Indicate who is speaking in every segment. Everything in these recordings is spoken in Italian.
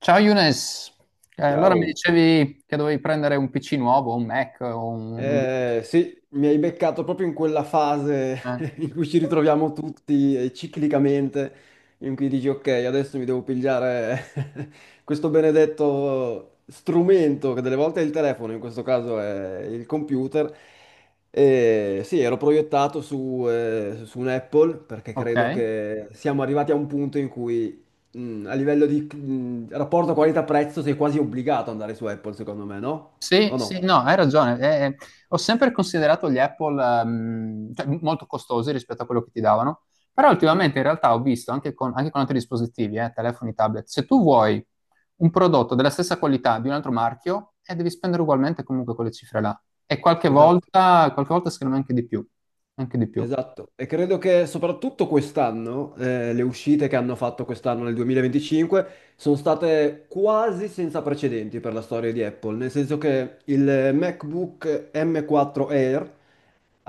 Speaker 1: Ciao Younes. Allora mi
Speaker 2: Ciao.
Speaker 1: dicevi che dovevi prendere un PC nuovo, un Mac o un... non mi
Speaker 2: Sì, mi hai beccato proprio in quella fase
Speaker 1: ricordo- eh,
Speaker 2: in cui ci ritroviamo tutti, ciclicamente, in cui dici ok, adesso mi devo pigliare questo benedetto strumento, che delle volte è il telefono, in questo caso è il computer. E sì, ero proiettato su, su un Apple perché
Speaker 1: Ok.
Speaker 2: credo che siamo arrivati a un punto in cui, a livello di rapporto qualità-prezzo, sei quasi obbligato ad andare su Apple, secondo me, no?
Speaker 1: Sì,
Speaker 2: O
Speaker 1: sì,
Speaker 2: no?
Speaker 1: no, hai ragione. Ho sempre considerato gli Apple, cioè, molto costosi rispetto a quello che ti davano, però
Speaker 2: Mhm.
Speaker 1: ultimamente in realtà ho visto anche con altri dispositivi, telefoni, tablet, se tu vuoi un prodotto della stessa qualità di un altro marchio, devi spendere ugualmente comunque quelle cifre là. E qualche
Speaker 2: Esatto,
Speaker 1: volta, qualche volta secondo me anche di più, anche di più.
Speaker 2: esatto. E credo che soprattutto quest'anno, le uscite che hanno fatto quest'anno nel 2025 sono state quasi senza precedenti per la storia di Apple, nel senso che il MacBook M4 Air,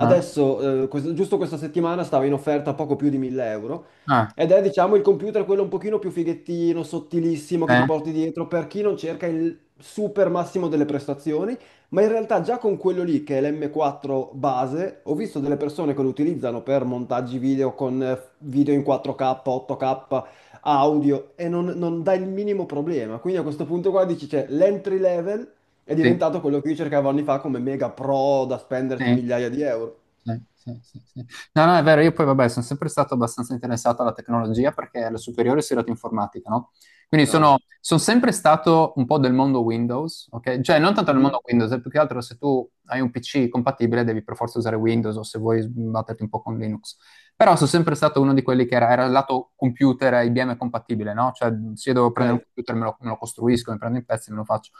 Speaker 1: Eh?
Speaker 2: giusto questa settimana, stava in offerta poco più di 1000 euro
Speaker 1: Ah,
Speaker 2: ed è, diciamo, il computer quello un pochino più fighettino, sottilissimo che ti
Speaker 1: eh,
Speaker 2: porti dietro per chi non cerca il super massimo delle prestazioni, ma in realtà già con quello lì, che è l'M4 base, ho visto delle persone che lo utilizzano per montaggi video con video in 4K, 8K, audio e non dà il minimo problema. Quindi a questo punto qua dici, c'è l'entry level è
Speaker 1: sì.
Speaker 2: diventato quello che io cercavo anni fa come mega pro da spenderci
Speaker 1: Sì,
Speaker 2: migliaia di euro.
Speaker 1: sì, sì, sì, sì. No, no, è vero, io poi vabbè, sono sempre stato abbastanza interessato alla tecnologia perché alle superiori ho studiato informatica, no? Quindi sono,
Speaker 2: Ah,
Speaker 1: sono sempre stato un po' del mondo Windows, ok? Cioè, non tanto del
Speaker 2: mhm,
Speaker 1: mondo Windows, è più che altro se tu hai un PC compatibile devi per forza usare Windows o se vuoi batterti un po' con Linux. Però sono sempre stato uno di quelli che era il lato computer IBM compatibile, no? Cioè, se io devo
Speaker 2: ok,
Speaker 1: prendere un computer me lo costruisco, mi prendo in pezzi e me lo faccio.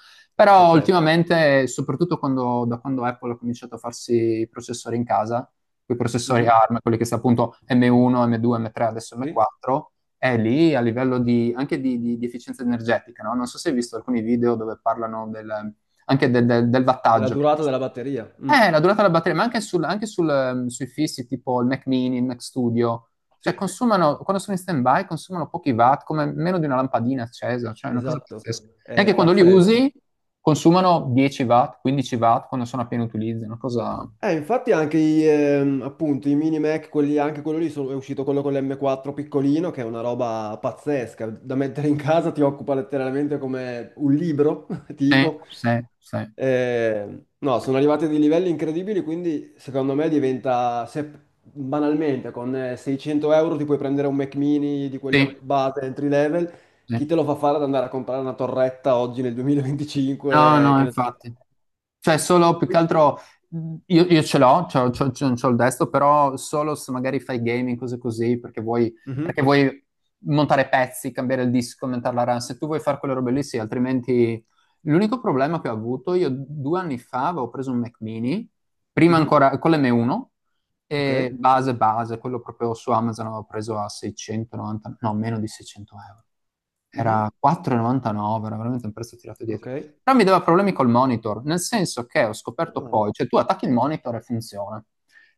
Speaker 2: è
Speaker 1: Però
Speaker 2: certo.
Speaker 1: ultimamente, soprattutto da quando Apple ha cominciato a farsi i processori in casa, quei processori
Speaker 2: Mhm,
Speaker 1: ARM, quelli che sono appunto M1, M2, M3, adesso
Speaker 2: sì,
Speaker 1: M4, è lì a livello di, anche di, di efficienza energetica, no? Non so se hai visto alcuni video dove parlano del
Speaker 2: della
Speaker 1: wattaggio, che
Speaker 2: durata della batteria. Mm,
Speaker 1: eh, la durata della batteria, ma anche, sui fissi, tipo il Mac Mini, il Mac Studio, cioè
Speaker 2: sì,
Speaker 1: consumano, quando sono in stand-by, consumano pochi watt, come meno di una lampadina accesa, cioè è una cosa
Speaker 2: esatto.
Speaker 1: pazzesca. E
Speaker 2: È
Speaker 1: anche quando li
Speaker 2: pazzesco.
Speaker 1: usi, consumano 10 watt, 15 watt, quando sono a pieno utilizzo, è una cosa.
Speaker 2: Infatti anche i, appunto, i mini Mac, quelli, anche quello lì, è uscito quello con l'M4 piccolino, che è una roba pazzesca. Da mettere in casa ti occupa letteralmente come un libro,
Speaker 1: Eh,
Speaker 2: tipo.
Speaker 1: sì, sì, sì,
Speaker 2: No, sono arrivati a dei livelli incredibili, quindi secondo me diventa, se banalmente con 600 euro ti puoi prendere un Mac mini di quelli a
Speaker 1: sì,
Speaker 2: base entry level,
Speaker 1: sì.
Speaker 2: chi te lo fa fare ad andare a comprare una torretta oggi nel
Speaker 1: No,
Speaker 2: 2025,
Speaker 1: no,
Speaker 2: che ne so.
Speaker 1: infatti. Cioè, solo più che
Speaker 2: Qui-
Speaker 1: altro io ce l'ho, c'ho il destro, però solo se magari fai gaming, cose così, perché vuoi,
Speaker 2: Mhm,
Speaker 1: perché vuoi montare pezzi, cambiare il disco, aumentare la RAM. Se tu vuoi fare quelle robe lì, sì, altrimenti. L'unico problema che ho avuto, io 2 anni fa avevo preso un Mac mini, prima
Speaker 2: mhm,
Speaker 1: ancora con l'M1,
Speaker 2: ok,
Speaker 1: e base base, quello proprio su Amazon avevo preso a 690, no, meno di 600 euro
Speaker 2: mhm,
Speaker 1: era 4,99, era veramente un prezzo tirato
Speaker 2: ok.
Speaker 1: dietro. Però mi dava problemi col monitor, nel senso che ho scoperto
Speaker 2: Ah,
Speaker 1: poi, cioè tu attacchi il monitor e funziona.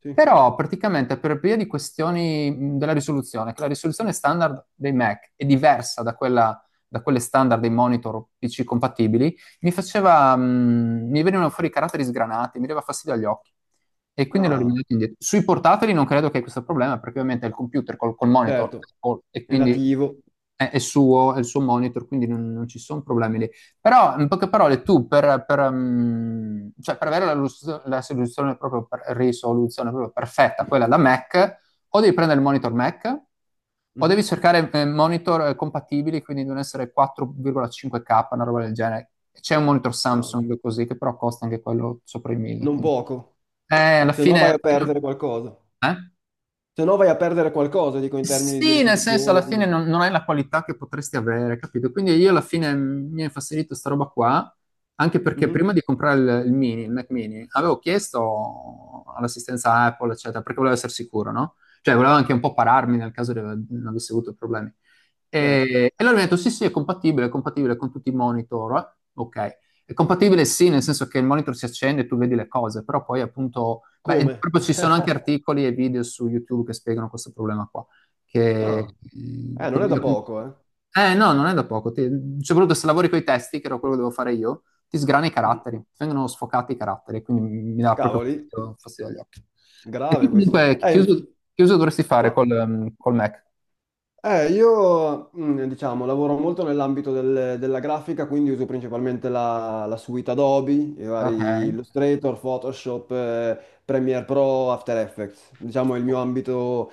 Speaker 2: sì.
Speaker 1: Però praticamente per via di questioni della risoluzione, che la risoluzione standard dei Mac è diversa da quella, da quelle standard dei monitor PC compatibili, mi venivano fuori i caratteri sgranati, mi dava fastidio agli occhi e quindi l'ho
Speaker 2: Ah,
Speaker 1: rimandato indietro. Sui portatili non credo che hai questo problema perché ovviamente è il computer col monitor
Speaker 2: certo,
Speaker 1: e
Speaker 2: è
Speaker 1: quindi
Speaker 2: nativo.
Speaker 1: è suo, è il suo monitor, quindi non ci sono problemi lì. Però, in poche parole, tu cioè, per avere la soluzione proprio risoluzione proprio perfetta, quella da Mac, o devi prendere il monitor Mac o devi
Speaker 2: Mhm,
Speaker 1: cercare monitor compatibili, quindi devono essere 4,5K, una roba del genere. C'è un monitor
Speaker 2: ah,
Speaker 1: Samsung così, che però costa anche quello sopra i 1000.
Speaker 2: non
Speaker 1: Quindi.
Speaker 2: poco,
Speaker 1: Eh, alla
Speaker 2: se no
Speaker 1: fine, alla
Speaker 2: vai a
Speaker 1: fine-
Speaker 2: perdere qualcosa.
Speaker 1: Eh?
Speaker 2: Se no vai a perdere qualcosa, dico, in termini di
Speaker 1: Sì, nel senso alla
Speaker 2: risoluzione,
Speaker 1: fine
Speaker 2: di...
Speaker 1: non hai la qualità che potresti avere, capito? Quindi io alla fine mi ha infastidito sta roba qua, anche perché
Speaker 2: Mhm,
Speaker 1: prima di comprare il mini, il Mac mini, avevo chiesto all'assistenza Apple, eccetera, perché volevo essere sicuro, no? Cioè volevo anche un po' pararmi nel caso non avessi avuto problemi.
Speaker 2: certo.
Speaker 1: E loro mi hanno detto sì, sì, è compatibile con tutti i monitor, eh? Ok. È compatibile sì, nel senso che il monitor si accende e tu vedi le cose, però poi appunto. Beh, e
Speaker 2: Come?
Speaker 1: proprio ci sono anche articoli e video su YouTube che spiegano questo problema qua che...
Speaker 2: Ah, non
Speaker 1: col
Speaker 2: è da
Speaker 1: video che-
Speaker 2: poco, eh.
Speaker 1: eh no, non è da poco, soprattutto se lavori con i testi, che era quello che devo fare io, ti sgrana i
Speaker 2: Mhm.
Speaker 1: caratteri, ti vengono sfocati i caratteri, quindi mi dà proprio
Speaker 2: Cavoli,
Speaker 1: fastidio, fastidio agli occhi. E tu
Speaker 2: grave questo.
Speaker 1: comunque chiuso, chiuso dovresti fare
Speaker 2: No.
Speaker 1: col Mac.
Speaker 2: Io, diciamo, lavoro molto nell'ambito della grafica, quindi uso principalmente la suite Adobe, i
Speaker 1: Ok,
Speaker 2: vari Illustrator, Photoshop, Premiere Pro, After Effects. Diciamo, il mio ambito,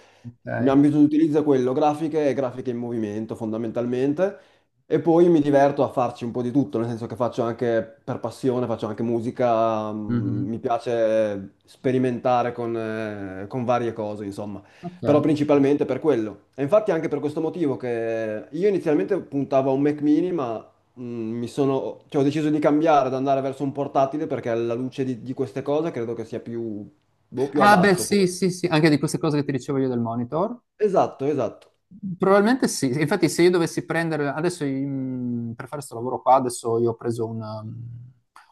Speaker 2: il mio
Speaker 1: ok.
Speaker 2: ambito di utilizzo è quello, grafiche e grafiche in movimento, fondamentalmente. E poi mi diverto a farci un po' di tutto, nel senso che faccio anche per passione, faccio anche musica, mi
Speaker 1: Mhm.
Speaker 2: piace sperimentare con varie cose, insomma,
Speaker 1: Ok.
Speaker 2: però principalmente per quello. E infatti anche per questo motivo che io inizialmente puntavo a un Mac mini, ma cioè, ho deciso di cambiare, ad andare verso un portatile perché alla luce di queste cose credo che sia più
Speaker 1: Ah beh
Speaker 2: adatto, forse.
Speaker 1: sì, sì, sì, anche di queste cose che ti dicevo io del monitor.
Speaker 2: Esatto, esatto.
Speaker 1: Probabilmente sì, infatti se io dovessi prendere, adesso per fare questo lavoro qua, adesso io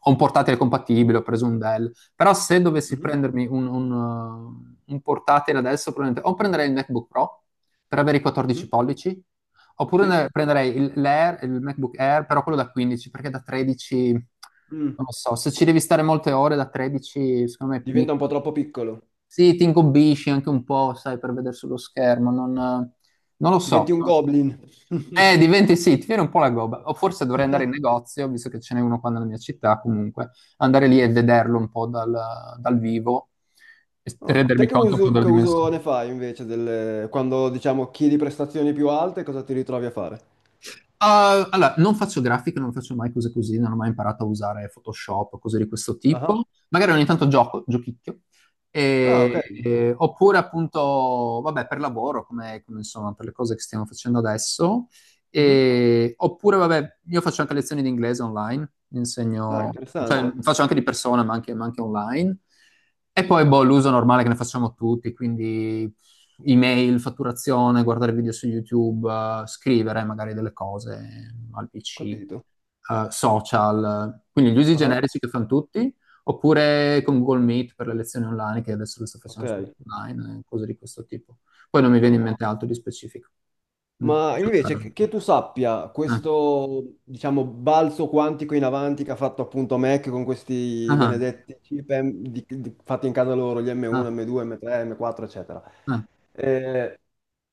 Speaker 1: ho un portatile compatibile, ho preso un Dell, però se dovessi
Speaker 2: Mhm,
Speaker 1: prendermi un portatile adesso, probabilmente o prenderei il MacBook Pro per avere i 14
Speaker 2: mhm,
Speaker 1: pollici, oppure
Speaker 2: Sì?
Speaker 1: prenderei l'Air, il MacBook Air, però quello da 15, perché da 13, non
Speaker 2: Mm,
Speaker 1: lo so, se ci devi stare molte ore da 13, secondo me è
Speaker 2: diventa un po'
Speaker 1: piccolo.
Speaker 2: troppo piccolo.
Speaker 1: Sì, ti ingobbisci anche un po', sai, per vedere sullo schermo, non lo so,
Speaker 2: Diventi un
Speaker 1: non lo so.
Speaker 2: goblin.
Speaker 1: Diventi sì, ti viene un po' la gobba. O forse dovrei andare in negozio, visto che ce n'è uno qua nella mia città, comunque, andare lì e vederlo un po' dal vivo e
Speaker 2: Oh, te
Speaker 1: rendermi
Speaker 2: che
Speaker 1: conto un po'
Speaker 2: uso,
Speaker 1: della
Speaker 2: che uso
Speaker 1: dimensione.
Speaker 2: ne fai invece quando diciamo chiedi prestazioni più alte, cosa ti ritrovi a fare?
Speaker 1: Ah, allora, non faccio grafica, non faccio mai cose così, non ho mai imparato a usare Photoshop, cose di questo
Speaker 2: Ah,
Speaker 1: tipo. Magari ogni tanto gioco, giochicchio.
Speaker 2: ah, ok.
Speaker 1: Oppure appunto, vabbè, per lavoro, come, insomma, per le cose che stiamo facendo adesso.
Speaker 2: Mhm.
Speaker 1: Oppure, vabbè, io faccio anche lezioni di inglese online,
Speaker 2: Ah,
Speaker 1: insegno, cioè
Speaker 2: interessante.
Speaker 1: faccio anche di persona, ma anche online. E poi, boh, l'uso normale che ne facciamo tutti, quindi email, fatturazione, guardare video su YouTube, scrivere magari delle cose al PC,
Speaker 2: Capito.
Speaker 1: social, quindi gli usi
Speaker 2: Ah,
Speaker 1: generici che fanno tutti, oppure con Google Meet per le lezioni online, che adesso le sto
Speaker 2: ok.
Speaker 1: facendo su online, cose di questo tipo. Poi non mi viene in
Speaker 2: Mm.
Speaker 1: mente altro di specifico. Mm.
Speaker 2: Ma invece che tu sappia,
Speaker 1: Eh.
Speaker 2: questo, diciamo, balzo quantico in avanti che ha fatto appunto Mac con questi
Speaker 1: Ah, ah,
Speaker 2: benedetti chip fatti in casa loro, gli
Speaker 1: ah,
Speaker 2: M1, M2, M3, M4, eccetera.
Speaker 1: ah.
Speaker 2: Eh,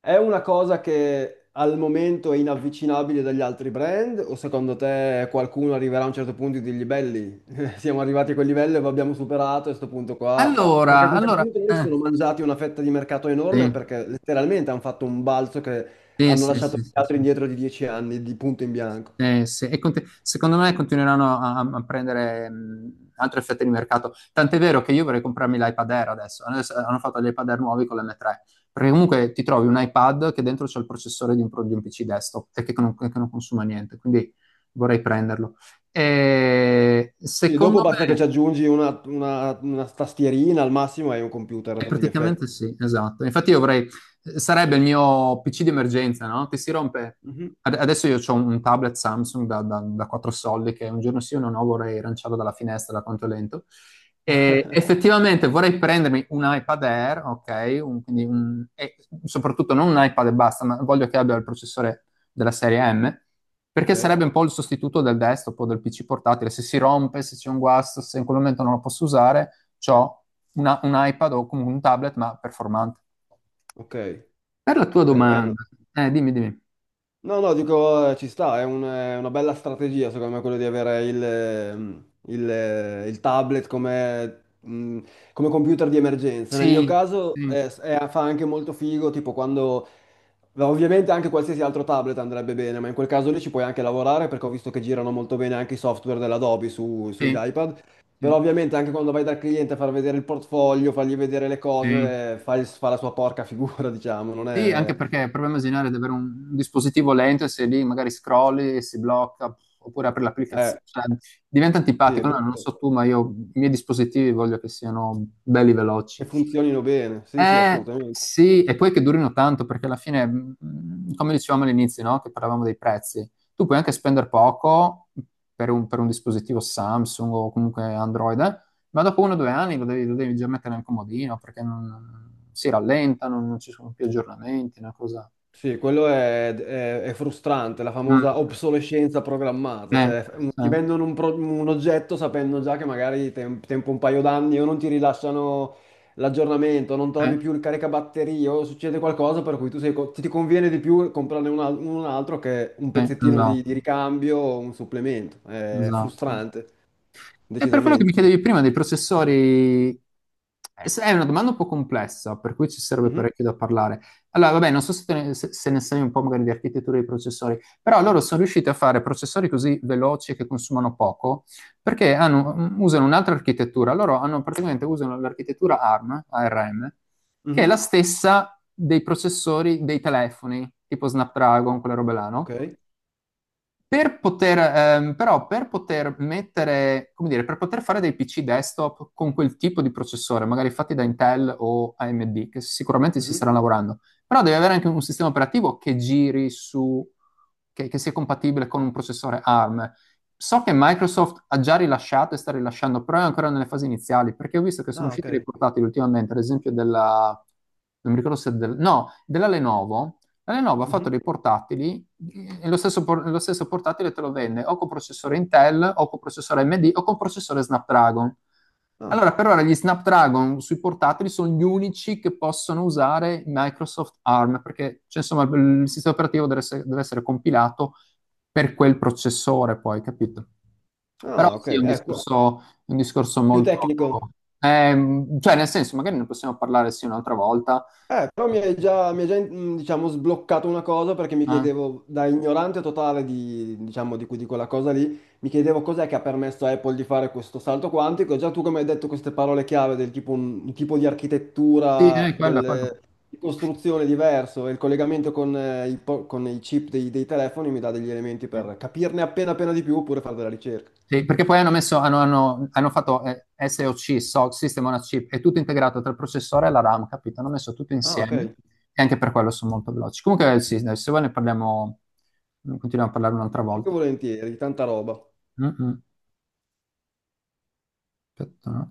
Speaker 2: È una cosa che al momento è inavvicinabile dagli altri brand o secondo te qualcuno arriverà a un certo punto e dirgli belli, siamo arrivati a quel livello e lo abbiamo superato a questo punto qua? Perché a
Speaker 1: Allora,
Speaker 2: questo
Speaker 1: allora,
Speaker 2: punto noi si sono mangiati una fetta di mercato
Speaker 1: sì,
Speaker 2: enorme perché letteralmente hanno fatto un balzo che
Speaker 1: sì,
Speaker 2: hanno
Speaker 1: sì,
Speaker 2: lasciato gli
Speaker 1: sì,
Speaker 2: altri
Speaker 1: sì.
Speaker 2: indietro di 10 anni di punto in bianco.
Speaker 1: Sì, secondo me continueranno a prendere altre fette di mercato. Tant'è vero che io vorrei comprarmi l'iPad Air adesso. Adesso hanno fatto gli iPad Air nuovi con l'M3. Perché comunque ti trovi un iPad che dentro c'è il processore di un PC desktop e che non consuma niente. Quindi vorrei prenderlo. E
Speaker 2: Sì, dopo
Speaker 1: secondo
Speaker 2: basta che ci
Speaker 1: me.
Speaker 2: aggiungi una tastierina al massimo e hai un computer a tutti gli effetti.
Speaker 1: Praticamente sì, esatto. Infatti sarebbe il mio PC di emergenza, no? Che si rompe.
Speaker 2: Mhm.
Speaker 1: Adesso io ho un tablet Samsung da 4 soldi che un giorno sì o no vorrei lanciarlo dalla finestra da quanto è lento. E effettivamente vorrei prendermi un iPad Air, ok? E soprattutto non un iPad e basta, ma voglio che abbia il processore della serie M,
Speaker 2: Ok,
Speaker 1: perché sarebbe un po' il sostituto del desktop o del PC portatile. Se si rompe, se c'è un guasto, se in quel momento non lo posso usare ho un iPad o comunque un tablet, ma performante.
Speaker 2: ok,
Speaker 1: Per la tua
Speaker 2: ok. No.
Speaker 1: domanda, dimmi, dimmi.
Speaker 2: No, no, dico, ci sta, è una bella strategia secondo me quello di avere il tablet come computer di emergenza. Nel mio
Speaker 1: Sì,
Speaker 2: caso
Speaker 1: sì,
Speaker 2: fa anche molto figo, tipo quando... Ovviamente anche qualsiasi altro tablet andrebbe bene, ma in quel caso lì ci puoi anche lavorare perché ho visto che girano molto bene anche i software dell'Adobe sugli
Speaker 1: sì,
Speaker 2: iPad.
Speaker 1: sì,
Speaker 2: Però ovviamente anche quando vai dal cliente a far vedere il portfolio, fargli vedere le
Speaker 1: sì.
Speaker 2: cose, fa la sua porca figura, diciamo, non
Speaker 1: Sì, anche
Speaker 2: è...
Speaker 1: perché proviamo a immaginare di avere un dispositivo lento e se lì magari scrolli e si blocca, pff, oppure apri
Speaker 2: Eh,
Speaker 1: l'applicazione, cioè, diventa
Speaker 2: sì, è
Speaker 1: antipatico. No, non
Speaker 2: brutto.
Speaker 1: so tu, ma io i miei dispositivi voglio che siano belli veloci.
Speaker 2: Che funzionino bene, sì, sì, assolutamente.
Speaker 1: Sì, e poi che durino tanto, perché alla fine, come dicevamo all'inizio, no? Che parlavamo dei prezzi, tu puoi anche spendere poco per un dispositivo Samsung o comunque Android, ma dopo uno o 2 anni lo devi già mettere nel comodino, perché non, si rallenta, non ci sono più aggiornamenti, una cosa.
Speaker 2: Sì, quello è frustrante, la
Speaker 1: Mm,
Speaker 2: famosa obsolescenza programmata,
Speaker 1: eh,
Speaker 2: cioè ti
Speaker 1: sì,
Speaker 2: vendono un oggetto sapendo già che magari tempo un paio d'anni o non ti rilasciano l'aggiornamento, non
Speaker 1: eh,
Speaker 2: trovi più il caricabatterie o succede qualcosa per cui tu ti conviene di più comprarne un altro che un
Speaker 1: sì,
Speaker 2: pezzettino di
Speaker 1: esatto,
Speaker 2: ricambio o un supplemento. È
Speaker 1: esatto.
Speaker 2: frustrante,
Speaker 1: E per quello che mi
Speaker 2: decisamente.
Speaker 1: chiedevi prima dei processori, è una domanda un po' complessa, per cui ci sarebbe
Speaker 2: Mhm,
Speaker 1: parecchio da parlare. Allora, vabbè, non so se ne sai un po' magari di architettura dei processori, però loro sono riusciti a fare processori così veloci e che consumano poco, perché usano un'altra architettura. Loro hanno praticamente usano l'architettura ARM, che è la
Speaker 2: mhm,
Speaker 1: stessa dei processori dei telefoni, tipo Snapdragon, quelle robe là, no?
Speaker 2: ok.
Speaker 1: Però per poter mettere, come dire, per poter fare dei PC desktop con quel tipo di processore, magari fatti da Intel o AMD, che sicuramente si
Speaker 2: Mhm.
Speaker 1: stanno lavorando, però devi avere anche un sistema operativo che giri su, che sia compatibile con un processore ARM. So che Microsoft ha già rilasciato e sta rilasciando, però è ancora nelle fasi iniziali, perché ho visto che sono
Speaker 2: Ah,
Speaker 1: usciti dei
Speaker 2: ok.
Speaker 1: portatili ultimamente, ad esempio della, non mi ricordo se del, no, della Lenovo, la Lenovo ha fatto
Speaker 2: Mhm.
Speaker 1: dei portatili e lo stesso portatile te lo vende o con processore Intel o con processore AMD o con processore Snapdragon.
Speaker 2: Ah.
Speaker 1: Allora, per ora gli Snapdragon sui portatili sono gli unici che possono usare Microsoft ARM, perché cioè, insomma il sistema operativo deve essere compilato per quel processore, poi, capito? Però
Speaker 2: Ah, ok,
Speaker 1: sì, è
Speaker 2: ecco,
Speaker 1: un discorso
Speaker 2: più
Speaker 1: molto.
Speaker 2: tecnico.
Speaker 1: Cioè, nel senso, magari ne possiamo parlare sì un'altra volta.
Speaker 2: Però mi hai già, diciamo, sbloccato una cosa perché mi
Speaker 1: Eh.
Speaker 2: chiedevo, da ignorante totale diciamo, di quella cosa lì, mi chiedevo cos'è che ha permesso a Apple di fare questo salto quantico. E già tu come hai detto queste parole chiave del tipo un tipo di
Speaker 1: Sì,
Speaker 2: architettura,
Speaker 1: quello, quello.
Speaker 2: di costruzione diverso e il collegamento con i chip dei telefoni mi dà degli elementi per capirne appena appena di più oppure fare della ricerca.
Speaker 1: Sì, perché poi hanno messo, hanno fatto SoC, System on a Chip, è tutto integrato tra il processore e la RAM, capito? Hanno messo tutto
Speaker 2: Ah, ok,
Speaker 1: insieme e anche per quello sono molto veloci. Comunque, sì, dai, se vuoi ne parliamo, continuiamo a parlare un'altra
Speaker 2: più che
Speaker 1: volta.
Speaker 2: volentieri, tanta roba.
Speaker 1: Mm, mm. Aspetta, no?